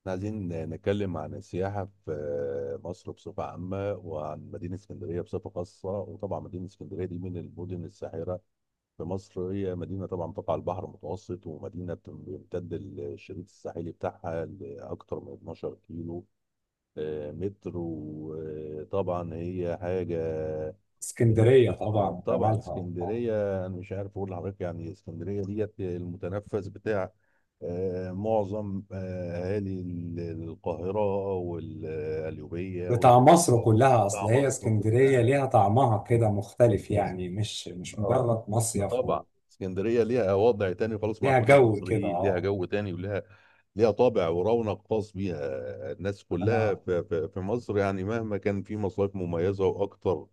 احنا عايزين نتكلم عن السياحة في مصر بصفة عامة وعن مدينة اسكندرية بصفة خاصة. وطبعا مدينة اسكندرية دي من المدن الساحرة في مصر. هي مدينة طبعا تقع على البحر المتوسط، ومدينة بيمتد الشريط الساحلي بتاعها لأكثر من 12 كيلو. مترو. طبعا هي حاجة. اه، اسكندرية طبعا طبعا جمالها اسكندرية انا مش عارف اقول لحضرتك، يعني اسكندرية ديت المتنفس بتاع معظم اهالي القاهرة والقليوبية بتاع والبنك مصر كلها. بتاع اصل هي مصر اسكندرية كلها. ليها طعمها كده مختلف، يعني مش اه مجرد مصيف طبعا و... اسكندريه ليها وضع تاني خالص مع ليها كل جو كده. المصريين، ليها اه، جو تاني وليها، ليها طابع ورونق خاص بيها. الناس كلها انا في مصر يعني مهما كان في مصايف مميزه واكتر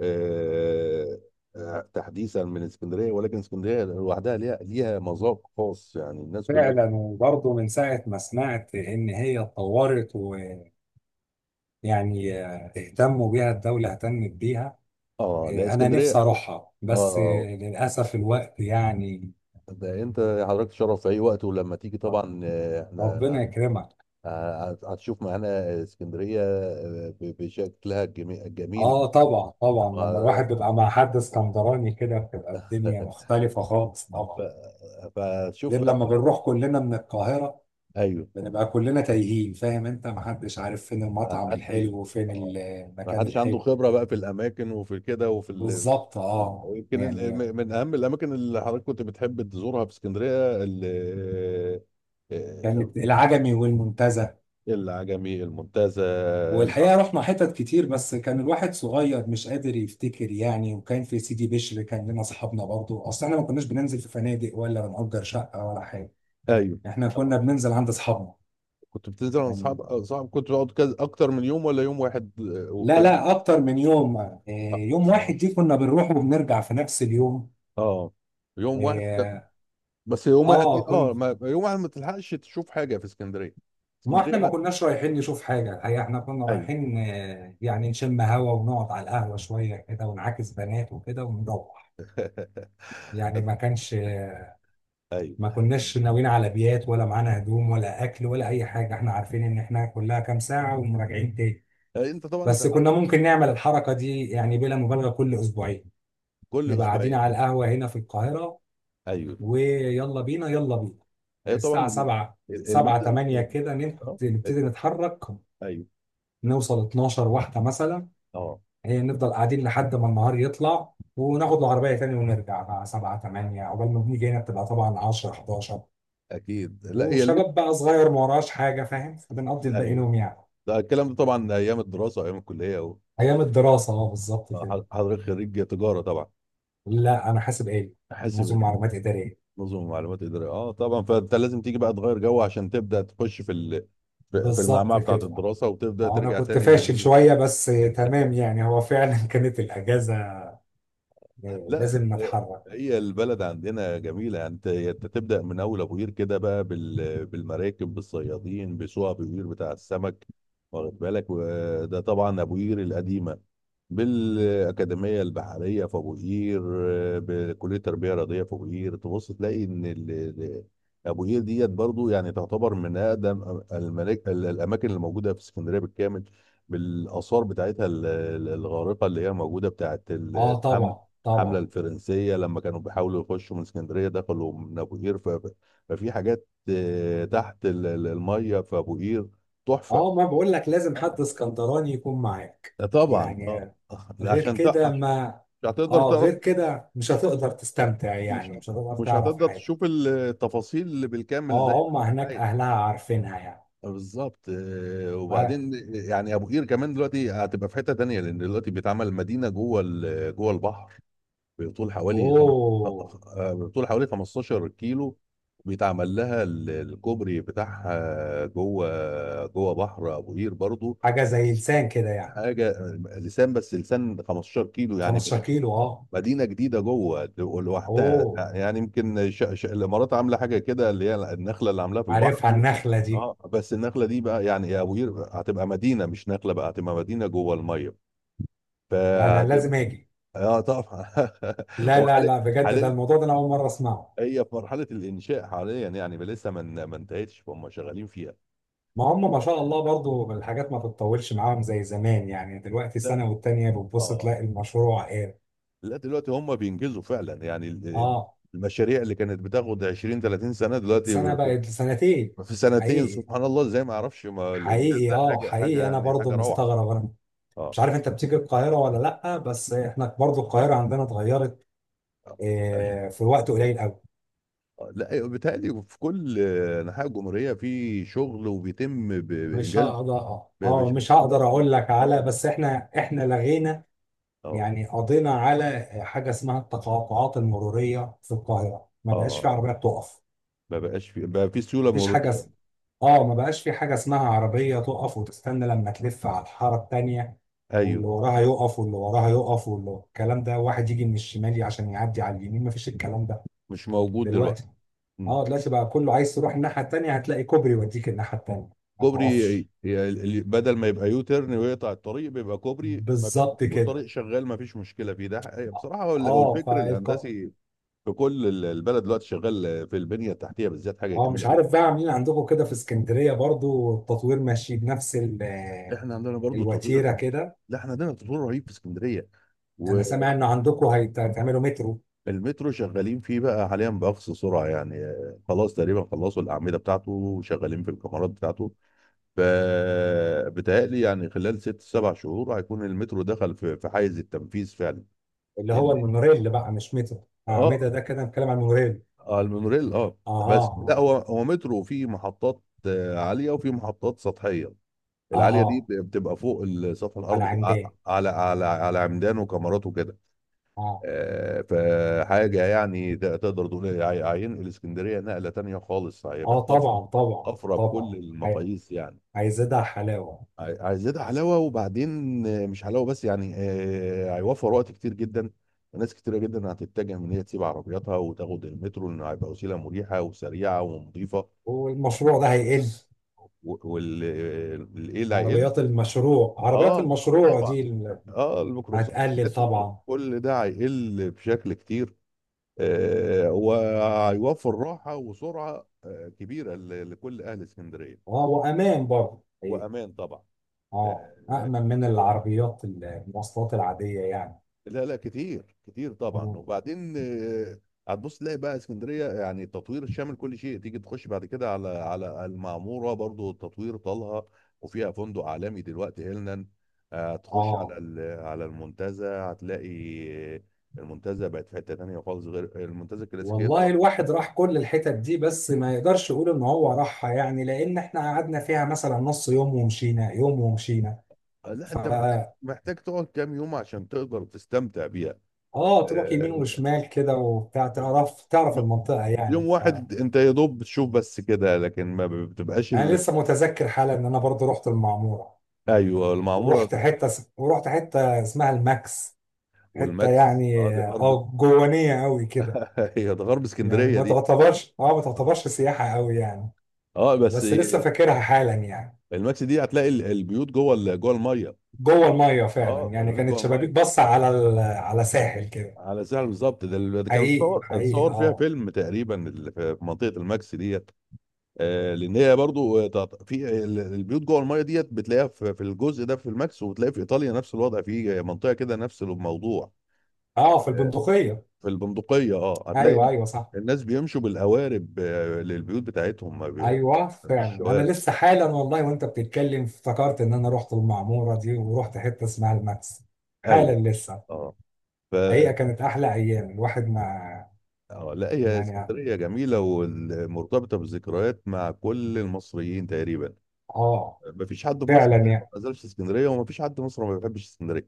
آه، تحديثا من اسكندريه، ولكن اسكندريه لوحدها ليها، ليها مذاق خاص. يعني الناس كلها، فعلا. وبرضه من ساعة ما سمعت ان هي اتطورت ويعني اهتموا بيها، الدولة اهتمت بيها. اه، لا انا نفسي اسكندريه. اروحها، اه بس آه. للأسف الوقت يعني. ده انت حضرتك تشرف في اي وقت، ولما تيجي آه، طبعا ربنا احنا يكرمك. هتشوف معانا اسكندرية بشكلها الجميل. اه طبعا طبعا، لما وه- الواحد بيبقى مع حد اسكندراني كده بتبقى الدنيا مختلفة خالص ف- طبعا، غير فشوف بقى لما طبعا. بنروح كلنا من القاهرة ايوه. بنبقى كلنا تايهين، فاهم انت، محدش عارف فين ما المطعم حدش، الحلو وفين اه ما المكان حدش عنده الحلو. خبرة بقى في الاماكن وفي كده وفي ال... بالظبط اه. اه ويمكن ال... يعني. من اهم الاماكن اللي حضرتك كنت بتحب تزورها في اسكندرية ال... آه، كانت العجمي والمنتزه، العجمي المنتزه، انت والحقيقة عارف. رحنا حتت كتير، بس كان الواحد صغير مش قادر يفتكر يعني. وكان في سيدي بشر كان لنا اصحابنا برضو، اصل احنا ما كناش بننزل في فنادق ولا بنأجر شقة ولا حاجة، ايوه. احنا كنا اه، بننزل عند اصحابنا. كنت بتنزل مع يعني اصحاب كنت بتقعد كذا، اكتر من يوم ولا يوم واحد لا وبترجع؟ لا، اكتر من يوم اه يوم واحد آه. دي كنا بنروح وبنرجع في نفس اليوم. اه، يوم واحد اه بس يوم واحد دي، اه كنت. ما يوم واحد ما تلحقش تشوف حاجه في اسكندريه. ما اسكندريه احنا ما كناش رايحين نشوف حاجة، الحقيقة احنا كنا ايوه. رايحين، يعني نشم هوا ونقعد على القهوة شوية كده ونعاكس بنات وكده ونروح. يعني ما كانش، ما ايوه، كناش ناويين على بيات، ولا معانا هدوم ولا اكل ولا اي حاجة، احنا عارفين ان احنا كلها كام ساعة ومراجعين تاني. يعني انت طبعا انت بس كنا حضرتك ممكن نعمل الحركة دي يعني بلا مبالغة كل اسبوعين. كل نبقى قاعدين اسبوعين، على لا. القهوة هنا في القاهرة، ايوه، ويلا بينا يلا بينا. يعني ايوه طبعا الساعة 7، 7 الميزه 8 كده اه آه، نبتدي نتحرك، ايوه. نوصل 12 واحدة مثلا. اه نفضل قاعدين لحد ما النهار يطلع، وناخد العربية تاني ونرجع بقى 7 8، عقبال ما بنيجي هنا بتبقى طبعا 10، 11. اكيد، لا هي الميزه. وشباب بقى صغير ما وراش حاجة، فاهم، فبنقضي الباقي ايوه، نوم يعني. ده الكلام ده طبعا ايام الدراسه، ايام الكليه، أيام الدراسة اه بالظبط كده. حضرتك خريج تجاره طبعا؟ لا، أنا حاسب آلي، حاسب؟ نظم معلومات إدارية. نظم معلومات اداريه، اه طبعا. فانت لازم تيجي بقى تغير جو عشان تبدا تخش في ال... في في بالظبط المعمعه بتاعت كده. الدراسه، وتبدا أنا ترجع كنت تاني فاشل للمود. شوية بس، تمام يعني، هو فعلا كانت الأجازة لا، لازم اتحرك. هي البلد عندنا جميلة. يعني انت، انت تبدأ من أول أبو قير كده بقى بالمراكب، بالصيادين، بسوق أبو قير بتاع السمك، واخد بالك؟ وده طبعا أبو قير القديمة، بالأكاديمية البحرية في أبو قير، بكلية التربية الرياضية في أبو قير. تبص تلاقي إن أبو قير ديت برضو يعني تعتبر من أقدم الأماكن اللي موجودة في اسكندرية بالكامل. بالآثار بتاعتها الغارقة، اللي هي موجودة بتاعت اه طبعا الحملة طبعا. الفرنسية. لما كانوا بيحاولوا يخشوا من اسكندرية دخلوا من أبو قير. ففي حاجات تحت المية في أبو قير، تحفة. اه، ما بقول لك، لازم اه حد اسكندراني يكون معاك ده طبعا، اه يعني. لا، غير عشان كده ما. مش هتقدر اه، تعرف، غير كده مش هتقدر تستمتع مش يعني، هت- مش هتقدر مش تعرف هتقدر حاجة. تشوف التفاصيل اللي بالكامل زي ما اه، هم انت هناك عايز. اهلها عارفينها يعني. بالظبط. ف- وبعدين يعني ابو قير كمان دلوقتي هتبقى في حته تانيه، لان دلوقتي بيتعمل مدينه جوه جوه البحر بطول حوالي خم... اوه، آه، بطول حوالي 15 كيلو. بيتعمل لها الكوبري بتاعها جوه، جوه بحر ابو قير برضو. حاجة زي لسان كده يعني. حاجه، لسان، بس لسان 15 كيلو 15 يعني. كيلو، اه. مدينه جديده جوه لوحدها، اوه، يعني يمكن الامارات عامله حاجه كده، اللي هي النخله اللي عاملاها في البحر عارفها دي. النخلة دي. اه بس النخله دي بقى، يعني يا ابو قير هتبقى مدينه مش نخله، بقى هتبقى مدينه جوه الميه. لا، انا فهتبقى، لازم اجي. اه طبعا. لا هو لا لا، بجد، ده حاليا، الموضوع ده انا اول مرة اسمعه. هي في مرحلة الإنشاء حاليا، يعني لسه ما انتهتش، فهم شغالين فيها. ما هم ما شاء الله، برضو الحاجات ما بتطولش معاهم زي زمان، يعني دلوقتي لا سنة دل... والتانية بتبص اه تلاقي المشروع ايه. لا دلوقتي هم بينجزوا فعلا. يعني اه، المشاريع اللي كانت بتاخد 20 30 سنة دلوقتي سنة في، بقت سنتين. في سنتين حقيقي. سبحان الله. زي ما اعرفش، ما الإنجاز حقيقي ده اه، حاجة، حاجة، حقيقي انا يعني برضو حاجة روعة. مستغرب. انا مش اه عارف انت بتيجي القاهرة ولا لأ، بس احنا برضو القاهرة عندنا اتغيرت آه. ايوه في وقت قليل قوي. لا أيوة، بيتهيألي في كل أنحاء الجمهورية في شغل وبيتم مش بإنجاز. هقدر ب- بش- مش بس- هقدر اقول لك، على اه، بس احنا لغينا اه، يعني. قضينا على حاجة اسمها التقاطعات المرورية في القاهرة، ما بقاش في اه عربيات تقف. ما بقاش في، بقى في سيولة مفيش حاجه مرورية. اس- اه، ما بقاش في حاجه اسمها عربيه تقف وتستنى لما تلف على الحاره التانيه، واللي ايوه، وراها يقف واللي وراها يقف واللي الكلام ده، واحد يجي من الشمال عشان يعدي على اليمين، مفيش الكلام ده مش موجود دلوقتي. دلوقتي. مم. اه دلوقتي بقى كله عايز تروح الناحيه التانيه هتلاقي كوبري يوديك الناحيه التانيه، ما كوبري. تقفش. بدل ما يبقى يو تيرن ويقطع الطريق، بيبقى كوبري، بالظبط كده. والطريق شغال ما فيش مشكله فيه. ده حقيقة، بصراحه. هو ال-، هو اه الفكر فالق. الهندسي في كل البلد دلوقتي شغال في البنيه التحتيه بالذات، حاجه اه، مش جميله جدا. عارف بقى عاملين عندكم كده في اسكندريه برضو التطوير ماشي بنفس احنا عندنا برضو تطوير. الوتيره كده. لا احنا عندنا تطوير رهيب في اسكندريه، انا سامع ان عندكم هيتعملوا مترو. والمترو شغالين فيه بقى حاليا باقصى سرعه. يعني خلاص تقريبا خلصوا الاعمده بتاعته، وشغالين في الكاميرات بتاعته. فبتهيألي يعني خلال ست سبع شهور هيكون المترو دخل في، في حيز التنفيذ فعلا. اللي هو لان، المونوريل بقى، مش مترو اه أعمدة ده كده، نتكلم عن المونوريل. اه المونوريل اه. بس أها لا، أها. هو هو مترو فيه محطات عاليه وفيه محطات سطحيه. العاليه دي أها بتبقى فوق سطح على الارض، عندنا. على، على، على عمدان وكاميرات وكده. أه. فحاجه يعني تقدر تقول إيه، هينقل اسكندريه نقله تانيه خالص، أه هيبقى طفره، طبعا طبعا طفره بكل طبعا. هي- المقاييس يعني. هيزيدها حلاوة. عايزاه حلاوه وبعدين. مش حلاوه بس، يعني هيوفر وقت كتير جدا، وناس كتيره جدا هتتجه من، هي تسيب عربياتها وتاخد المترو، لانه هيبقى وسيله مريحه وسريعه ونظيفه. والمشروع ده هيقل. والايه هيقل. عربيات المشروع عربيات اه، اه المشروع طبعا. دي اه الميكروباصات هتقلل والحاجات دي طبعا. كل ده هيقل بشكل كتير. آه وهيوفر راحه وسرعه آه كبيره لكل اهل اسكندريه. أه وأمان برضه وامان طبعا. أه، آه، أأمن من العربيات المواصلات العادية يعني. لا لا كتير، كتير طبعا. مم. وبعدين هتبص تلاقي بقى اسكندريه يعني تطوير شامل كل شيء. تيجي تخش بعد كده على، على المعموره برضو التطوير طالها، وفيها فندق عالمي دلوقتي هيلنان. هتخش أه على على المنتزه هتلاقي آه، المنتزه بقت في حته تانيه خالص غير المنتزه الكلاسيكيه والله طبعا. الواحد راح كل الحتت دي، بس ما يقدرش يقول ان هو راحها يعني، لان احنا قعدنا فيها مثلا نص يوم ومشينا، يوم ومشينا. لا ف انت محتاج، محتاج تقعد كام يوم عشان تقدر تستمتع بيها. اه تروح يمين آه، وشمال كده وبتاع، طيب، تعرف تعرف المنطقة يعني. يوم ف واحد انت يا دوب بتشوف بس كده، لكن ما بتبقاش. انا لسه متذكر حالا ان انا برضو رحت المعمورة، ايوه المعموره. ورحت حتة اسمها الماكس. حتة والماكس اه يعني دي غرب، اه جوانية قوي كده، هي ده غرب يعني اسكندريه ما دي. تعتبرش اه، ما اه تعتبرش سياحة قوي يعني، بس بس لسه فاكرها حالا يعني. الماكس دي هتلاقي البيوت جوه جوه الميه. جوه الميه فعلا اه يعني، البيوت كانت جوه شبابيك الميه. بص على... ال... على ساحل كده. على الساحل بالظبط. ده ال-، ده كان حقيقي اتصور، حقيقي اتصور فيها اه. فيلم تقريبا، ال- في في منطقه الماكس ديت. آه لان هي برضو البيوت جوه الميه ديت بتلاقيها في، في الجزء ده في الماكس. وبتلاقي في ايطاليا نفس الوضع، في منطقه كده نفس الموضوع. اه، في البندقيه. في البندقية، اه هتلاقي ايوه ايوه صح. الناس بيمشوا بالقوارب للبيوت بتاعتهم، ايوه ما فيش فعلا انا شوارع. لسه حالا، والله وانت بتتكلم افتكرت ان انا رحت المعموره دي، ورحت حته اسمها الماكس، ايوه، حالا لسه. اه. ف، حقيقه كانت احلى ايام الواحد ما آه لا هي يعني. اسكندرية جميلة ومرتبطة بالذكريات مع كل المصريين تقريبا. اه، ما فيش حد في مصر فعلا. تقريباً يا ما زالش اسكندرية، وما فيش حد في مصر ما بيحبش اسكندرية.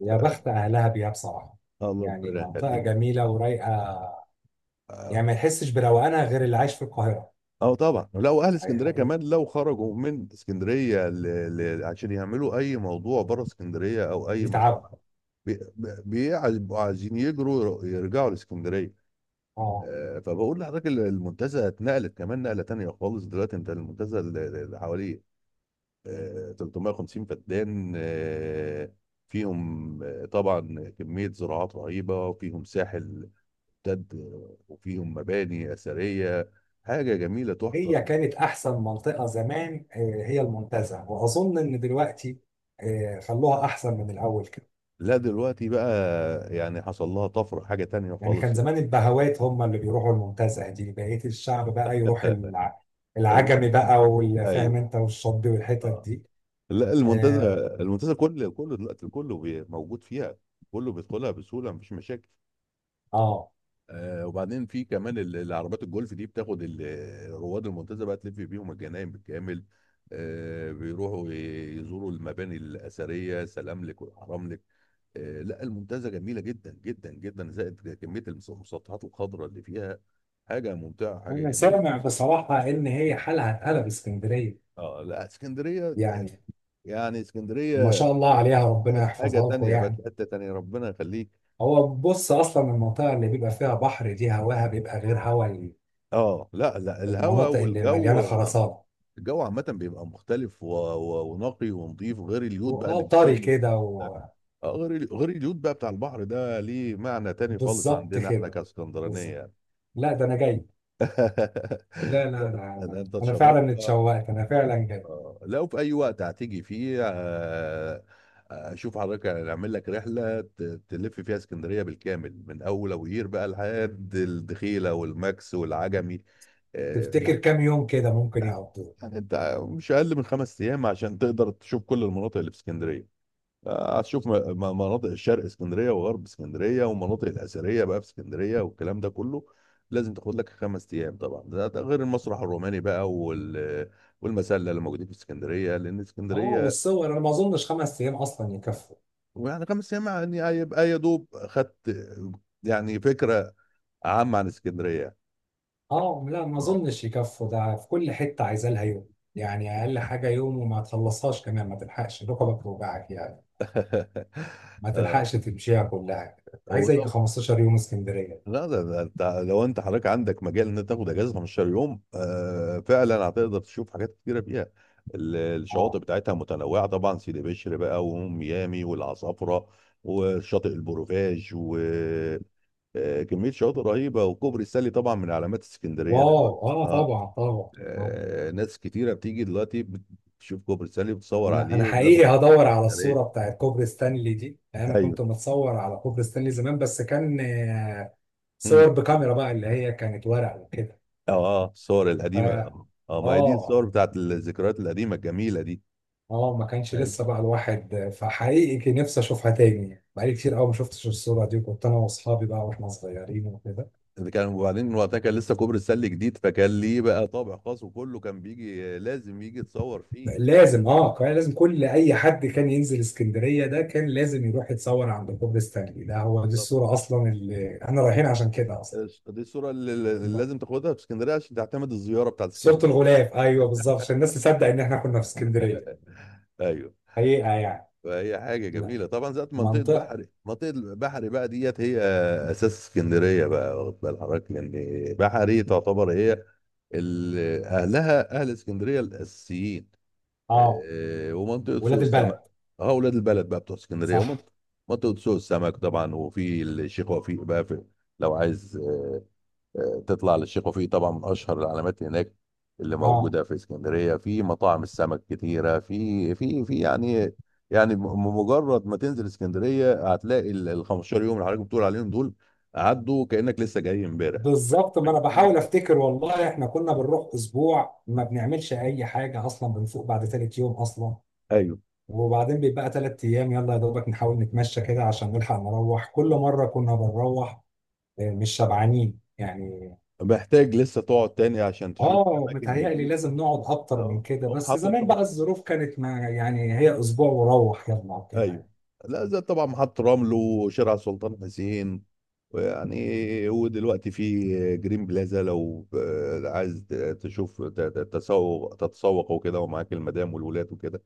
آه، بخت اهلها بيها بصراحه الله يعني. ربنا منطقه يخليك. جميله ورايقه يعني، ما آه. يحسش بروقانها غير اللي عايش في القاهره. اه طبعا لو اهل اسكندريه يعني كمان لو خرجوا من اسكندريه ل...، ل... عشان يعملوا اي موضوع بره اسكندريه او اي يتعب. مصلحه، بيبقوا عايزين يجروا يرجعوا لاسكندريه. اه، فبقول لحضرتك المنتزه اتنقلت كمان نقله تانيه خالص. دلوقتي انت المنتزه اللي حواليه 350 فدان فيهم طبعا كميه زراعات رهيبه، وفيهم ساحل امتد، وفيهم مباني اثريه. حاجه جميله هي تحفه. كانت احسن منطقه زمان هي المنتزه، واظن ان دلوقتي خلوها احسن من الاول كده. لا دلوقتي بقى يعني حصل لها طفرة، حاجة تانية يعني كان خالص. زمان البهوات هم اللي بيروحوا المنتزه دي، بقيه الشعب بقى يروح العجمي بقى والفاهم ايوه، انت والشطبي والحتت اه. دي. لا المنتزه، اه. المنتزه كل كله دلوقتي كله موجود فيها، كله بيدخلها بسهوله مفيش مشاكل. آه. آه وبعدين في كمان العربيات الجولف دي بتاخد رواد المنتزه بقى تلف بيهم الجناين بالكامل. آه بيروحوا يزوروا المباني الاثريه، سلاملك والحراملك. آه لا المنتزه جميله جدا جدا جدا، زائد كميه المسطحات الخضراء اللي فيها. حاجه ممتعه، حاجه انا سامع جميله. بصراحه ان هي حالها اتقلب اسكندريه اه لا اسكندريه يعني. يعني ما اسكندريه شاء الله عليها، ربنا بقت حاجه يحفظها لكم تانية، بقت يعني. في حته تانية، ربنا يخليك. هو بص، اصلا المنطقه اللي بيبقى فيها بحر دي هواها بيبقى غير هوا اه لا لا، الهواء المناطق اللي مليانه والجو، خرسانه، الجو عامه بيبقى مختلف و...، و... ونقي ونظيف، غير اليود بقى اللي واه طري بتشمه كده فوق. غير ال-، غير اليود بقى بتاع البحر ده ليه معنى تاني خالص بالظبط عندنا احنا كده. كاسكندرانيه بالظبط. يعني. لا ده انا جاي. لا لا ده لا، انا انت أنا تشرفت. فعلا اتشوقت، انا فعلا جاي. لو في اي وقت هتيجي فيه اشوف حضرتك، يعني اعمل لك رحله تلف فيها اسكندريه بالكامل من اول ابو قير بقى لحد الدخيله والماكس والعجمي. آه، تفتكر لا كام يوم كده ممكن لا، يقضوا؟ يعني انت مش اقل من خمس ايام عشان تقدر تشوف كل المناطق اللي في اسكندريه. هتشوف مناطق الشرق اسكندريه وغرب اسكندريه، والمناطق الاثريه بقى في اسكندريه، والكلام ده كله لازم تاخد لك خمس ايام طبعا. ده ده غير المسرح الروماني بقى وال، والمسله اللي موجودين في اسكندريه، لان اه اسكندريه. والصور. انا ما اظنش 5 ايام اصلا يكفوا. ويعني خمس ايام يعني هيبقى يا دوب خدت يعني فكره عامه عن اسكندريه. اه لا، ما اه اظنش يكفوا، ده في كل حته عايزه لها يوم. يعني اقل حاجه يوم، وما تخلصهاش كمان، ما تلحقش ركبك توجعك يعني، ما تلحقش تمشيها كلها. عايزه يجي آه. 15 يوم اسكندريه. لا ده, ده انت لو انت حضرتك عندك مجال ان انت تاخد اجازه 15 يوم، آه فعلا هتقدر تشوف حاجات كتيره فيها. الشواطئ اه بتاعتها متنوعه طبعا، سيدي بشر بقى وميامي والعصافره وشاطئ البروفاج، وكميه شواطئ رهيبه. وكوبري ستانلي طبعا من علامات اسكندريه واو، دلوقتي. اه اه طبعا طبعا. آه. ناس كتيره بتيجي دلوقتي بتشوف كوبري ستانلي، بتصور انا عليه حقيقي وبياخدوا صور. هدور على الصوره بتاعت كوبري ستانلي دي، لأن انا كنت ايوه. متصور على كوبري ستانلي زمان، بس كان صور مم. بكاميرا بقى اللي هي كانت ورق وكده، اه، اه الصور فا القديمه. اه ما هي دي الصور اه بتاعت الذكريات القديمه الجميله دي. اه ما كانش لسه ايوه، بقى الواحد، فحقيقي كان نفسي اشوفها تاني يعني. بقالي كتير قوي ما شفتش الصوره دي، وكنت انا واصحابي بقى واحنا صغيرين وكده. ده كان وبعدين وقتها كان لسه كوبري السله جديد، فكان ليه بقى طابع خاص، وكله كان بيجي لازم يجي يتصور فيه. لازم. اه كان اه لازم كل اي حد كان ينزل اسكندريه ده، كان لازم يروح يتصور عند كوبري ستانلي، ده هو دي بالظبط. الصوره اصلا اللي احنا رايحين عشان كده دي الصوره اللي، اللي اصلا. لازم تاخدها في اسكندريه عشان تعتمد الزياره بتاعت صورة اسكندريه. الغلاف، ايوه بالظبط، عشان الناس تصدق ان احنا كنا في اسكندريه ايوه. حقيقه يعني. فهي حاجه لا، جميله طبعا. ذات منطقه منطقه. بحري، منطقه بحري بقى ديت هي اساس اسكندريه بقى، واخد بال حضرتك؟ لان بحري تعتبر هي اهلها، اهل اسكندريه الاساسيين. اه، ومنطقه سوق ولاد البلد. السمك. اه اولاد البلد بقى بتوع اسكندريه. صح. ومنطقه، منطقه سوق السمك طبعا، وفي الشيخ وفيق بقى. في، لو عايز تطلع للشيخ وفيق طبعا من اشهر العلامات هناك اللي اه موجوده في اسكندريه. في مطاعم السمك كتيره في في في يعني، يعني مجرد ما تنزل اسكندريه هتلاقي ال ال 15 يوم اللي حضرتك بتقول عليهم دول عدوا كانك لسه جاي امبارح. بالظبط، ما انا بحاول افتكر، والله احنا كنا بنروح اسبوع ما بنعملش اي حاجه اصلا، بنفوق بعد تالت يوم اصلا، ايوه. وبعدين بيبقى 3 ايام يلا يا دوبك نحاول نتمشى كده عشان نلحق، نروح كل مره كنا بنروح مش شبعانين يعني. محتاج لسه تقعد تاني عشان تشوف اه اماكن متهيألي جديده. لازم نقعد اكتر من اه كده، قوم بس حاطط. زمان بقى الظروف كانت ما يعني، هي اسبوع وروح يلا ايوه كده. لا زي طبعا محطة رمل وشارع سلطان حسين، ويعني ودلوقتي في جرين بلازا، لو عايز تشوف ت- ت- تسوق تتسوق وكده ومعاك المدام والولاد وكده،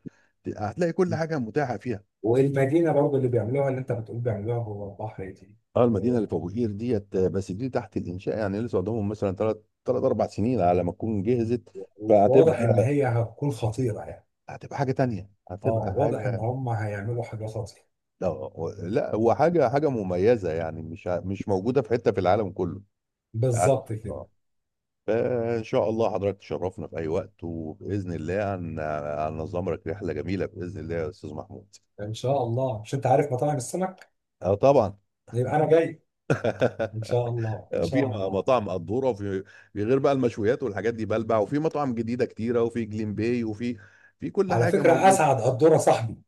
هتلاقي كل حاجة متاحة فيها. والمدينة برضو اللي بيعملوها، اللي انت بتقول بيعملوها جوه البحر دي، اه المدينة اللي في آه، ابو قير ديت، بس دي تحت الانشاء يعني لسه قدامهم مثلا ثلاث اربع سنين على ما تكون جهزت. واضح ان فهتبقى، هي هتكون خطيرة يعني. هتبقى حاجة تانية، اه هتبقى واضح ان حاجة. هم هيعملوا حاجة خطيرة. لا لا، هو حاجة، حاجة مميزة يعني مش موجودة في حتة في العالم كله. قعدت بالظبط كده. آه. فإن شاء الله حضرتك تشرفنا في أي وقت، وبإذن الله هننظم لك رحلة جميلة بإذن الله يا أستاذ محمود. ان شاء الله. مش انت عارف مطاعم السمك؟ اه طبعا. يبقى انا جاي. ان شاء الله ان في شاء الله. مطاعم قدوره، وفي، في غير بقى المشويات والحاجات دي، بلبع، وفي مطاعم جديده كتيره، وفي جليم باي، وفي، في كل على حاجه فكرة موجوده. اسعد قدورة صاحبي.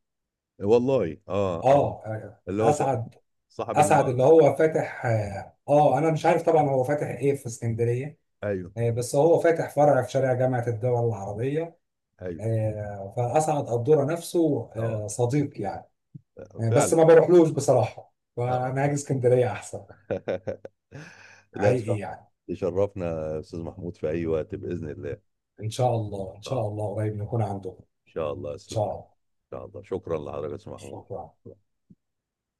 والله اه اه، اه اللي هو اسعد صاحب اسعد الم. اللي هو فاتح انا مش عارف طبعا هو فاتح ايه في اسكندرية، ايوه، بس هو فاتح فرع في شارع جامعة الدول العربية ايوه، فأسعد قدورة نفسه اه صديق يعني بس فعلا. ما بروحلوش آه. بصراحة، آه. فأنا هاجي اسكندرية أحسن. لا حقيقي تشرف، يعني. تشرفنا يا استاذ محمود في اي وقت باذن الله. ان إن شاء الله إن شاء شاء الله، الله، قريب نكون عنده. إن ان شاء الله يا استاذ شاء محمود. الله. ان شاء الله شكرا لحضرتك يا استاذ محمود. شكرا